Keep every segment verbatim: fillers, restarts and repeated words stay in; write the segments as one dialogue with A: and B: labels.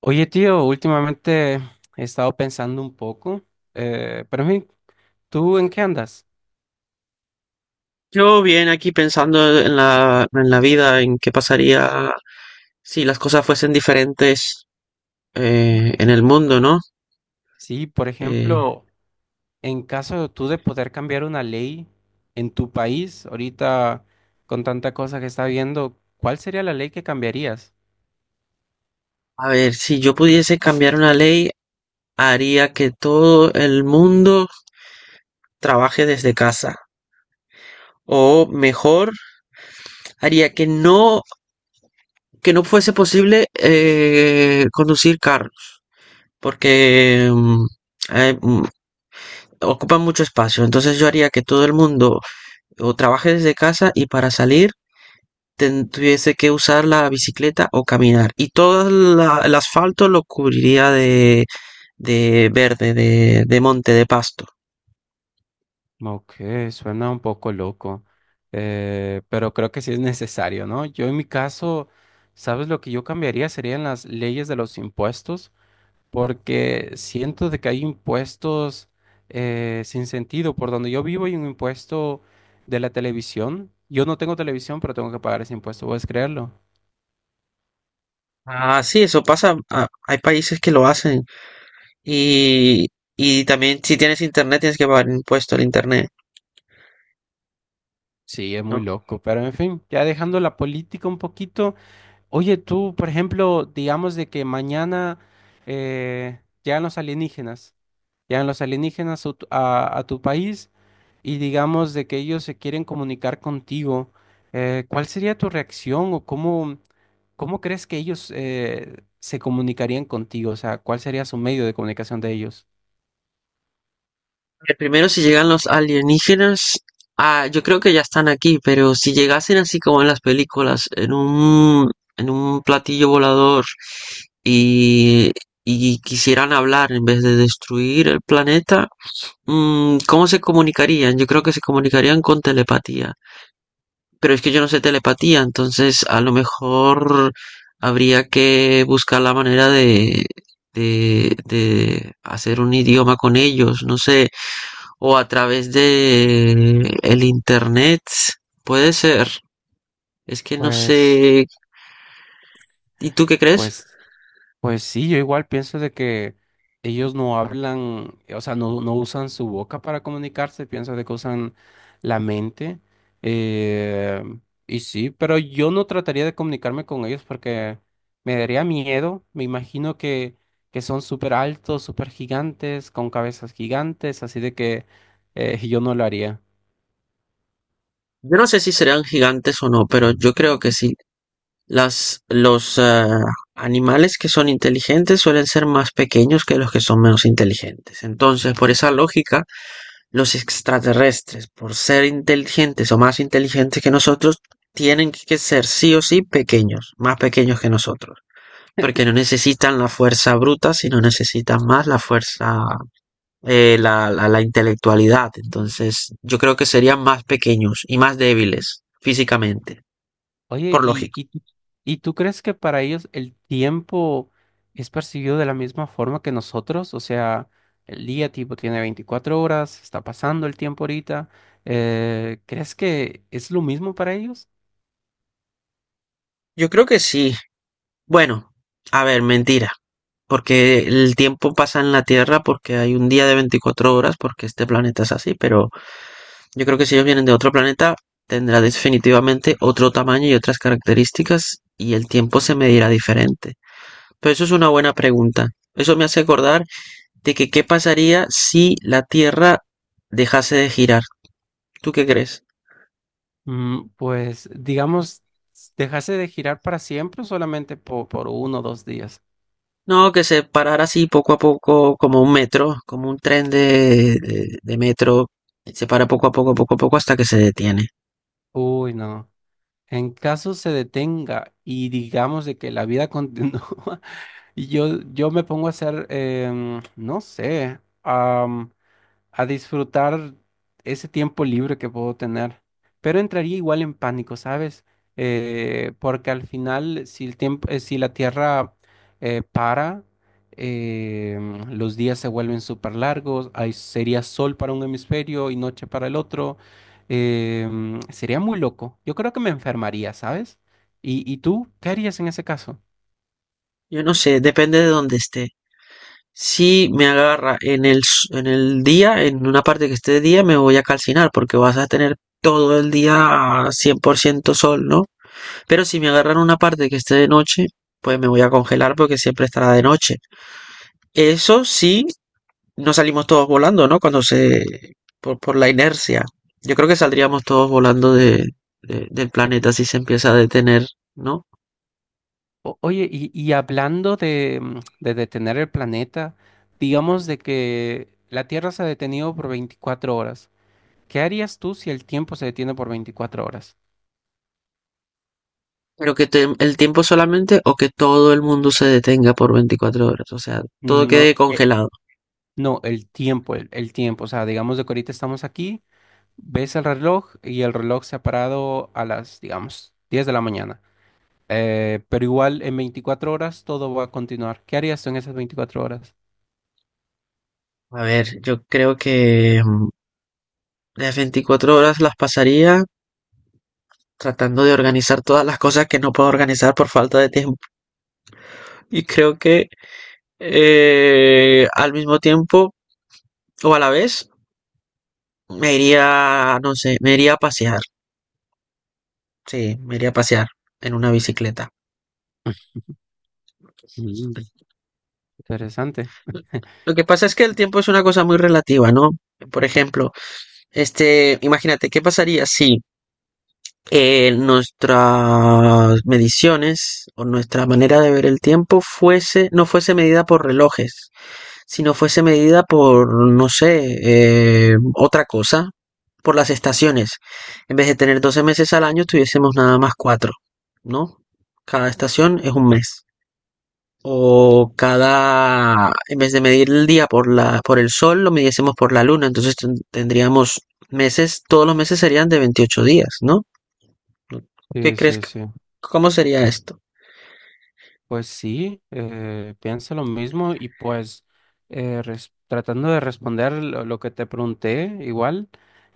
A: Oye, tío, últimamente he estado pensando un poco, eh, pero en fin, ¿tú en qué andas?
B: Yo bien aquí pensando en la, en la vida, en qué pasaría si las cosas fuesen diferentes eh, en el mundo, ¿no?
A: Sí, por
B: Eh,
A: ejemplo, en caso de tú de poder cambiar una ley en tu país, ahorita con tanta cosa que está habiendo, ¿cuál sería la ley que cambiarías?
B: a ver, si yo pudiese cambiar una ley, haría que todo el mundo trabaje desde casa. O mejor, haría que no, que no fuese posible eh, conducir carros, porque mm, eh, mm, ocupan mucho espacio. Entonces yo haría que todo el mundo o trabaje desde casa y para salir ten- tuviese que usar la bicicleta o caminar. Y todo la- el asfalto lo cubriría de, de verde, de, de monte, de pasto.
A: Ok, suena un poco loco, eh, pero creo que sí es necesario, ¿no? Yo en mi caso, ¿sabes lo que yo cambiaría? Serían las leyes de los impuestos, porque siento de que hay impuestos eh, sin sentido. Por donde yo vivo hay un impuesto de la televisión. Yo no tengo televisión, pero tengo que pagar ese impuesto, ¿puedes creerlo?
B: Ah, sí, eso pasa. Ah, hay países que lo hacen. Y, y también si tienes internet tienes que pagar impuesto al internet,
A: Sí, es muy
B: ¿no?
A: loco, pero en fin, ya dejando la política un poquito. Oye, tú, por ejemplo, digamos de que mañana eh, llegan los alienígenas, llegan los alienígenas a tu a- a tu país. Y digamos de que ellos se quieren comunicar contigo, eh, ¿cuál sería tu reacción o cómo, cómo crees que ellos eh, se comunicarían contigo? O sea, ¿cuál sería su medio de comunicación de ellos?
B: Ver, primero si llegan los alienígenas, ah, yo creo que ya están aquí, pero si llegasen así como en las películas, en un, en un platillo volador y, y quisieran hablar en vez de destruir el planeta. Mm, ¿cómo se comunicarían? Yo creo que se comunicarían con telepatía. Pero es que yo no sé telepatía, entonces a lo mejor habría que buscar la manera de, de, de hacer un idioma con ellos, no sé, o a través de el internet, puede ser. Es que no
A: Pues,
B: sé. ¿Y tú qué crees?
A: pues Pues sí, yo igual pienso de que ellos no hablan, eh, o sea, no, no usan su boca para comunicarse, pienso de que usan la mente. eh, y sí, pero yo no trataría de comunicarme con ellos porque me daría miedo. Me imagino que, que son súper altos, súper gigantes, con cabezas gigantes, así de que eh, yo no lo haría.
B: Yo no sé si serán gigantes o no, pero yo creo que sí. Las, los eh, animales que son inteligentes suelen ser más pequeños que los que son menos inteligentes. Entonces, por esa lógica, los extraterrestres, por ser inteligentes o más inteligentes que nosotros, tienen que ser sí o sí pequeños, más pequeños que nosotros, porque no necesitan la fuerza bruta, sino necesitan más la fuerza, eh, la, la, la intelectualidad. Entonces, yo creo que serían más pequeños y más débiles físicamente,
A: Oye,
B: por
A: ¿y,
B: lógico.
A: y, y tú crees que para ellos el tiempo es percibido de la misma forma que nosotros? O sea, el día tipo tiene veinticuatro horas, está pasando el tiempo ahorita. eh, ¿crees que es lo mismo para ellos?
B: Yo creo que sí. Bueno, a ver, mentira porque el tiempo pasa en la Tierra, porque hay un día de veinticuatro horas, porque este planeta es así, pero yo creo que si ellos vienen de otro planeta, tendrá definitivamente otro tamaño y otras características y el tiempo se medirá diferente. Pero eso es una buena pregunta. Eso me hace acordar de que qué pasaría si la Tierra dejase de girar. ¿Tú qué crees?
A: Mm, pues, digamos, dejarse de girar para siempre o solamente po- por uno o dos días.
B: No, que se parara así poco a poco, como un metro, como un tren de, de- de metro, se para poco a poco, poco a poco hasta que se detiene.
A: Uy, no. En caso se detenga y digamos de que la vida continúa, yo, yo me pongo a hacer, em, no sé. A disfrutar ese tiempo libre que puedo tener. Pero entraría igual en pánico, ¿sabes? Eh, porque al final, si el tiempo, eh, si la Tierra eh, para, eh, los días se vuelven súper largos, hay, sería sol para un hemisferio y noche para el otro. Eh, sería muy loco. Yo creo que me enfermaría, ¿sabes? ¿Y, y tú qué harías en ese caso?
B: Yo no sé, depende de dónde esté. Si me agarra en el, s- en el día, en una parte que esté de día, me voy a calcinar porque vas a tener todo el día cien por ciento sol, ¿no? Pero si me agarra en una parte que esté de noche, pues me voy a congelar porque siempre estará de noche. Eso sí, no salimos todos volando, ¿no? Cuando se, por, por la inercia. Yo creo que saldríamos todos volando de, de- del planeta si se empieza a detener, ¿no?
A: O- Oye, y, y hablando de, mm, de detener el planeta, digamos de que la Tierra se ha detenido por veinticuatro horas. ¿Qué harías tú si el tiempo se detiene por veinticuatro horas?
B: Pero que te- el tiempo solamente o que todo el mundo se detenga por veinticuatro horas, o sea, todo quede
A: No, eh,
B: congelado.
A: no, el tiempo, el, el tiempo. O sea, digamos de que ahorita estamos aquí, ves el reloj y el reloj se ha parado a las, digamos, diez de la mañana. Eh, pero igual en veinticuatro horas todo va a continuar. ¿Qué harías tú en esas veinticuatro horas?
B: A ver, yo creo que mm, las veinticuatro horas las pasaría tratando de organizar todas las cosas que no puedo organizar por falta de tiempo. Y creo que eh, al mismo tiempo o a la vez me iría, no sé, me iría a pasear. Sí, me iría a pasear en una bicicleta.
A: Mm, Interesante.
B: Lo que pasa es que el tiempo es una cosa muy relativa, ¿no? Por ejemplo, este, imagínate, ¿qué pasaría si eh, nuestras mediciones o nuestra manera de ver el tiempo fuese, no fuese medida por relojes, sino fuese medida por, no sé, eh, otra cosa, por las estaciones? En vez de tener doce meses al año, tuviésemos nada más cuatro, ¿no? Cada estación es un mes. O cada, en vez de medir el día por la, por el sol, lo midiésemos por la luna. Entonces ten- tendríamos meses, todos los meses serían de veintiocho días, ¿no? ¿Qué
A: Sí,
B: crees?
A: sí,
B: que-
A: sí.
B: ¿Cómo sería esto?
A: Pues sí, eh, pienso lo mismo y pues eh, res- tratando de responder lo, lo que te pregunté, igual,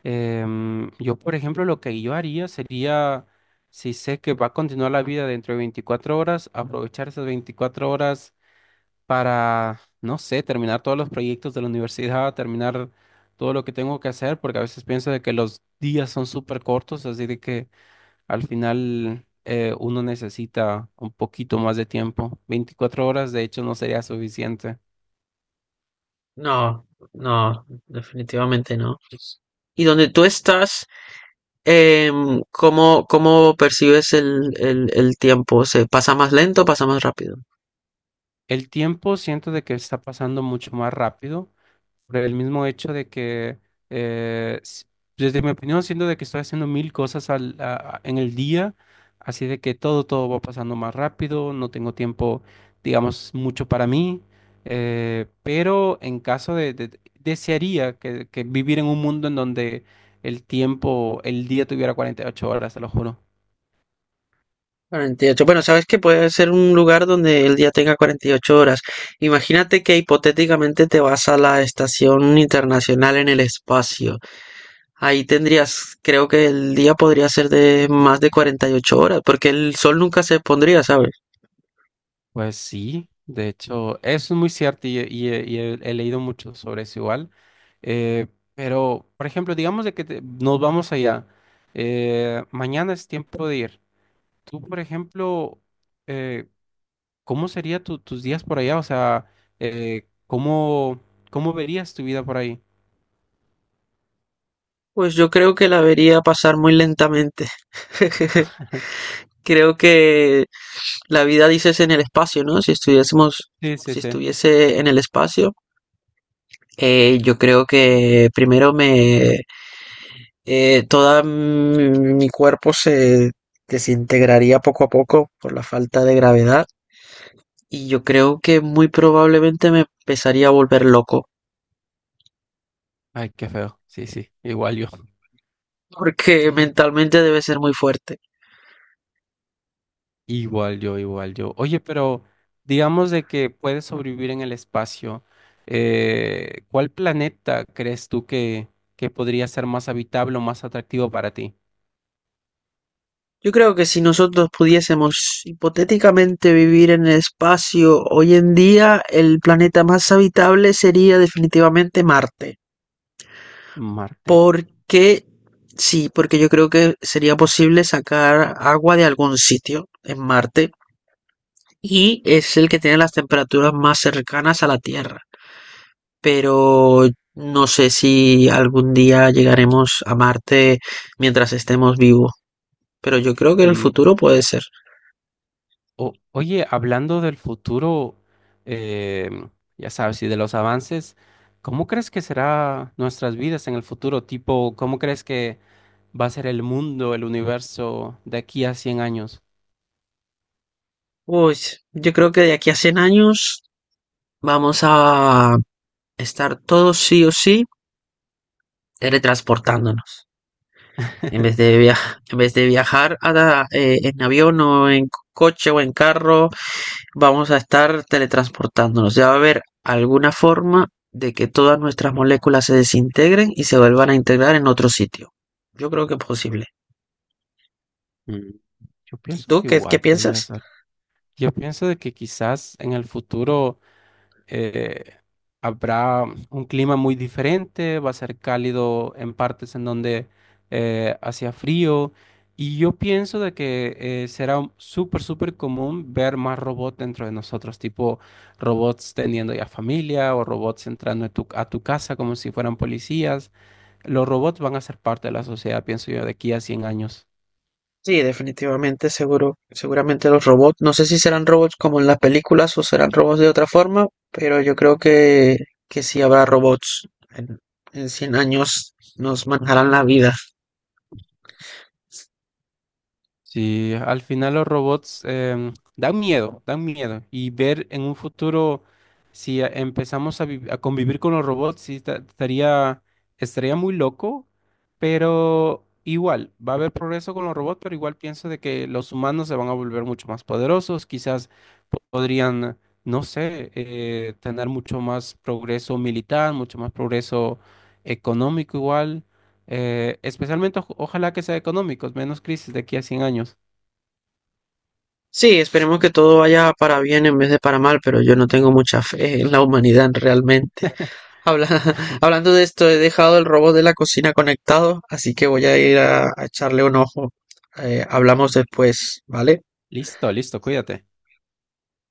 A: em, yo por ejemplo lo que yo haría sería, si sé que va a continuar la vida dentro de veinticuatro horas, aprovechar esas veinticuatro horas para, no sé, terminar todos los proyectos de la universidad, terminar todo lo que tengo que hacer, porque a veces pienso de que los días son súper cortos, así de que al final, eh, uno necesita un poquito más de tiempo. Veinticuatro horas, de hecho, no sería suficiente.
B: No, no, definitivamente no. Y donde tú estás, em, ¿cómo, cómo percibes el, el, el tiempo? ¿Se pasa más lento o pasa más rápido?
A: El tiempo siento de que está pasando mucho más rápido, por el mismo hecho de que, eh, s- desde mi opinión, siento de que estoy haciendo mil cosas al, a- a- en el día, así de que todo, todo va pasando más rápido, no tengo tiempo, digamos, mucho para mí, eh, pero en caso de, de- desearía que, que vivir en un mundo en donde el tiempo, el día tuviera cuarenta y ocho horas, te lo juro.
B: Cuarenta y ocho Bueno, sabes que puede ser un lugar donde el día tenga cuarenta y ocho horas. Imagínate que hipotéticamente te vas a la Estación Internacional en el espacio. Ahí tendrías, creo que el día podría ser de más de cuarenta y ocho horas, porque el sol nunca se pondría, ¿sabes?
A: Pues sí, de hecho, eso es muy cierto y, y- y he, he leído mucho sobre eso igual. Eh, pero, por ejemplo, digamos de que te- nos vamos allá. eh, mañana es tiempo de ir. Tú, por ejemplo, eh, ¿cómo serían tus días por allá? O sea, eh, ¿cómo, cómo verías tu vida por ahí?
B: Pues yo creo que la vería pasar muy lentamente. Creo que la vida, dices, en el espacio, ¿no? Si estuviésemos,
A: Sí, sí,
B: si
A: sí.
B: estuviese en el espacio, eh, yo creo que primero me Eh, toda mi, mi cuerpo se desintegraría poco a poco por la falta de gravedad y yo creo que muy probablemente me empezaría a volver loco
A: Ay, qué feo. Sí, sí, igual yo.
B: porque mentalmente debe ser muy fuerte.
A: Igual yo, igual yo. Oye, pero digamos de que puedes sobrevivir en el espacio. eh, ¿cuál planeta crees tú que, que podría ser más habitable o más atractivo para ti?
B: Yo creo que si nosotros pudiésemos hipotéticamente vivir en el espacio hoy en día, el planeta más habitable sería definitivamente Marte.
A: Marte.
B: Porque sí, porque yo creo que sería posible sacar agua de algún sitio en Marte y es el que tiene las temperaturas más cercanas a la Tierra. Pero no sé si algún día llegaremos a Marte mientras estemos vivos. Pero yo creo que en el
A: Sí.
B: futuro puede ser.
A: O- oye, hablando del futuro, eh, ya sabes, y de los avances, ¿cómo crees que será nuestras vidas en el futuro? Tipo, ¿cómo crees que va a ser el mundo, el universo de aquí a cien años?
B: Pues yo creo que de aquí a cien años vamos a estar todos sí o sí teletransportándonos. En vez de, viajar, en vez de viajar a- a, eh, en avión o en coche o en carro vamos a estar teletransportándonos. Ya va a haber alguna forma de que todas nuestras moléculas se desintegren y se vuelvan a integrar en otro sitio. Yo creo que es posible.
A: Mm, Yo
B: ¿Y
A: pienso
B: tú
A: que
B: qué, qué
A: igual
B: piensas?
A: podrías Yo pienso de que quizás en el futuro eh, habrá un clima muy diferente, va a ser cálido en partes en donde eh, hacía frío y yo pienso de que eh, será un- súper, súper común ver más robots dentro de nosotros, tipo robots teniendo ya familia o robots entrando a tu, a tu casa como si fueran policías. Los robots van a ser parte de la sociedad, pienso yo, de aquí a cien años.
B: Sí, definitivamente, seguro, seguramente los robots, no sé si serán robots como en las películas o serán robots de otra forma, pero yo creo que, que sí habrá robots. En, en cien años nos manejarán la vida.
A: Sí, al final los robots em, dan miedo, dan miedo. Y ver en un futuro si eh, empezamos a, vi- a convivir con los robots, sí, ta- estaría, estaría muy loco, pero igual, va a haber progreso con los robots, pero igual pienso de que los humanos se van a volver mucho más poderosos, quizás po- podrían, no sé, eh, tener mucho más progreso militar, mucho más progreso económico igual. Eh, especialmente, oj- ojalá que sea económicos, menos crisis de aquí a cien años.
B: Sí, esperemos que todo vaya para bien en vez de para mal, pero yo no tengo mucha fe en la humanidad realmente. Habla- Hablando de esto, he dejado el robot de la cocina conectado, así que voy a ir a, a, echarle un ojo. Eh, hablamos después, ¿vale?
A: Listo, listo, cuídate.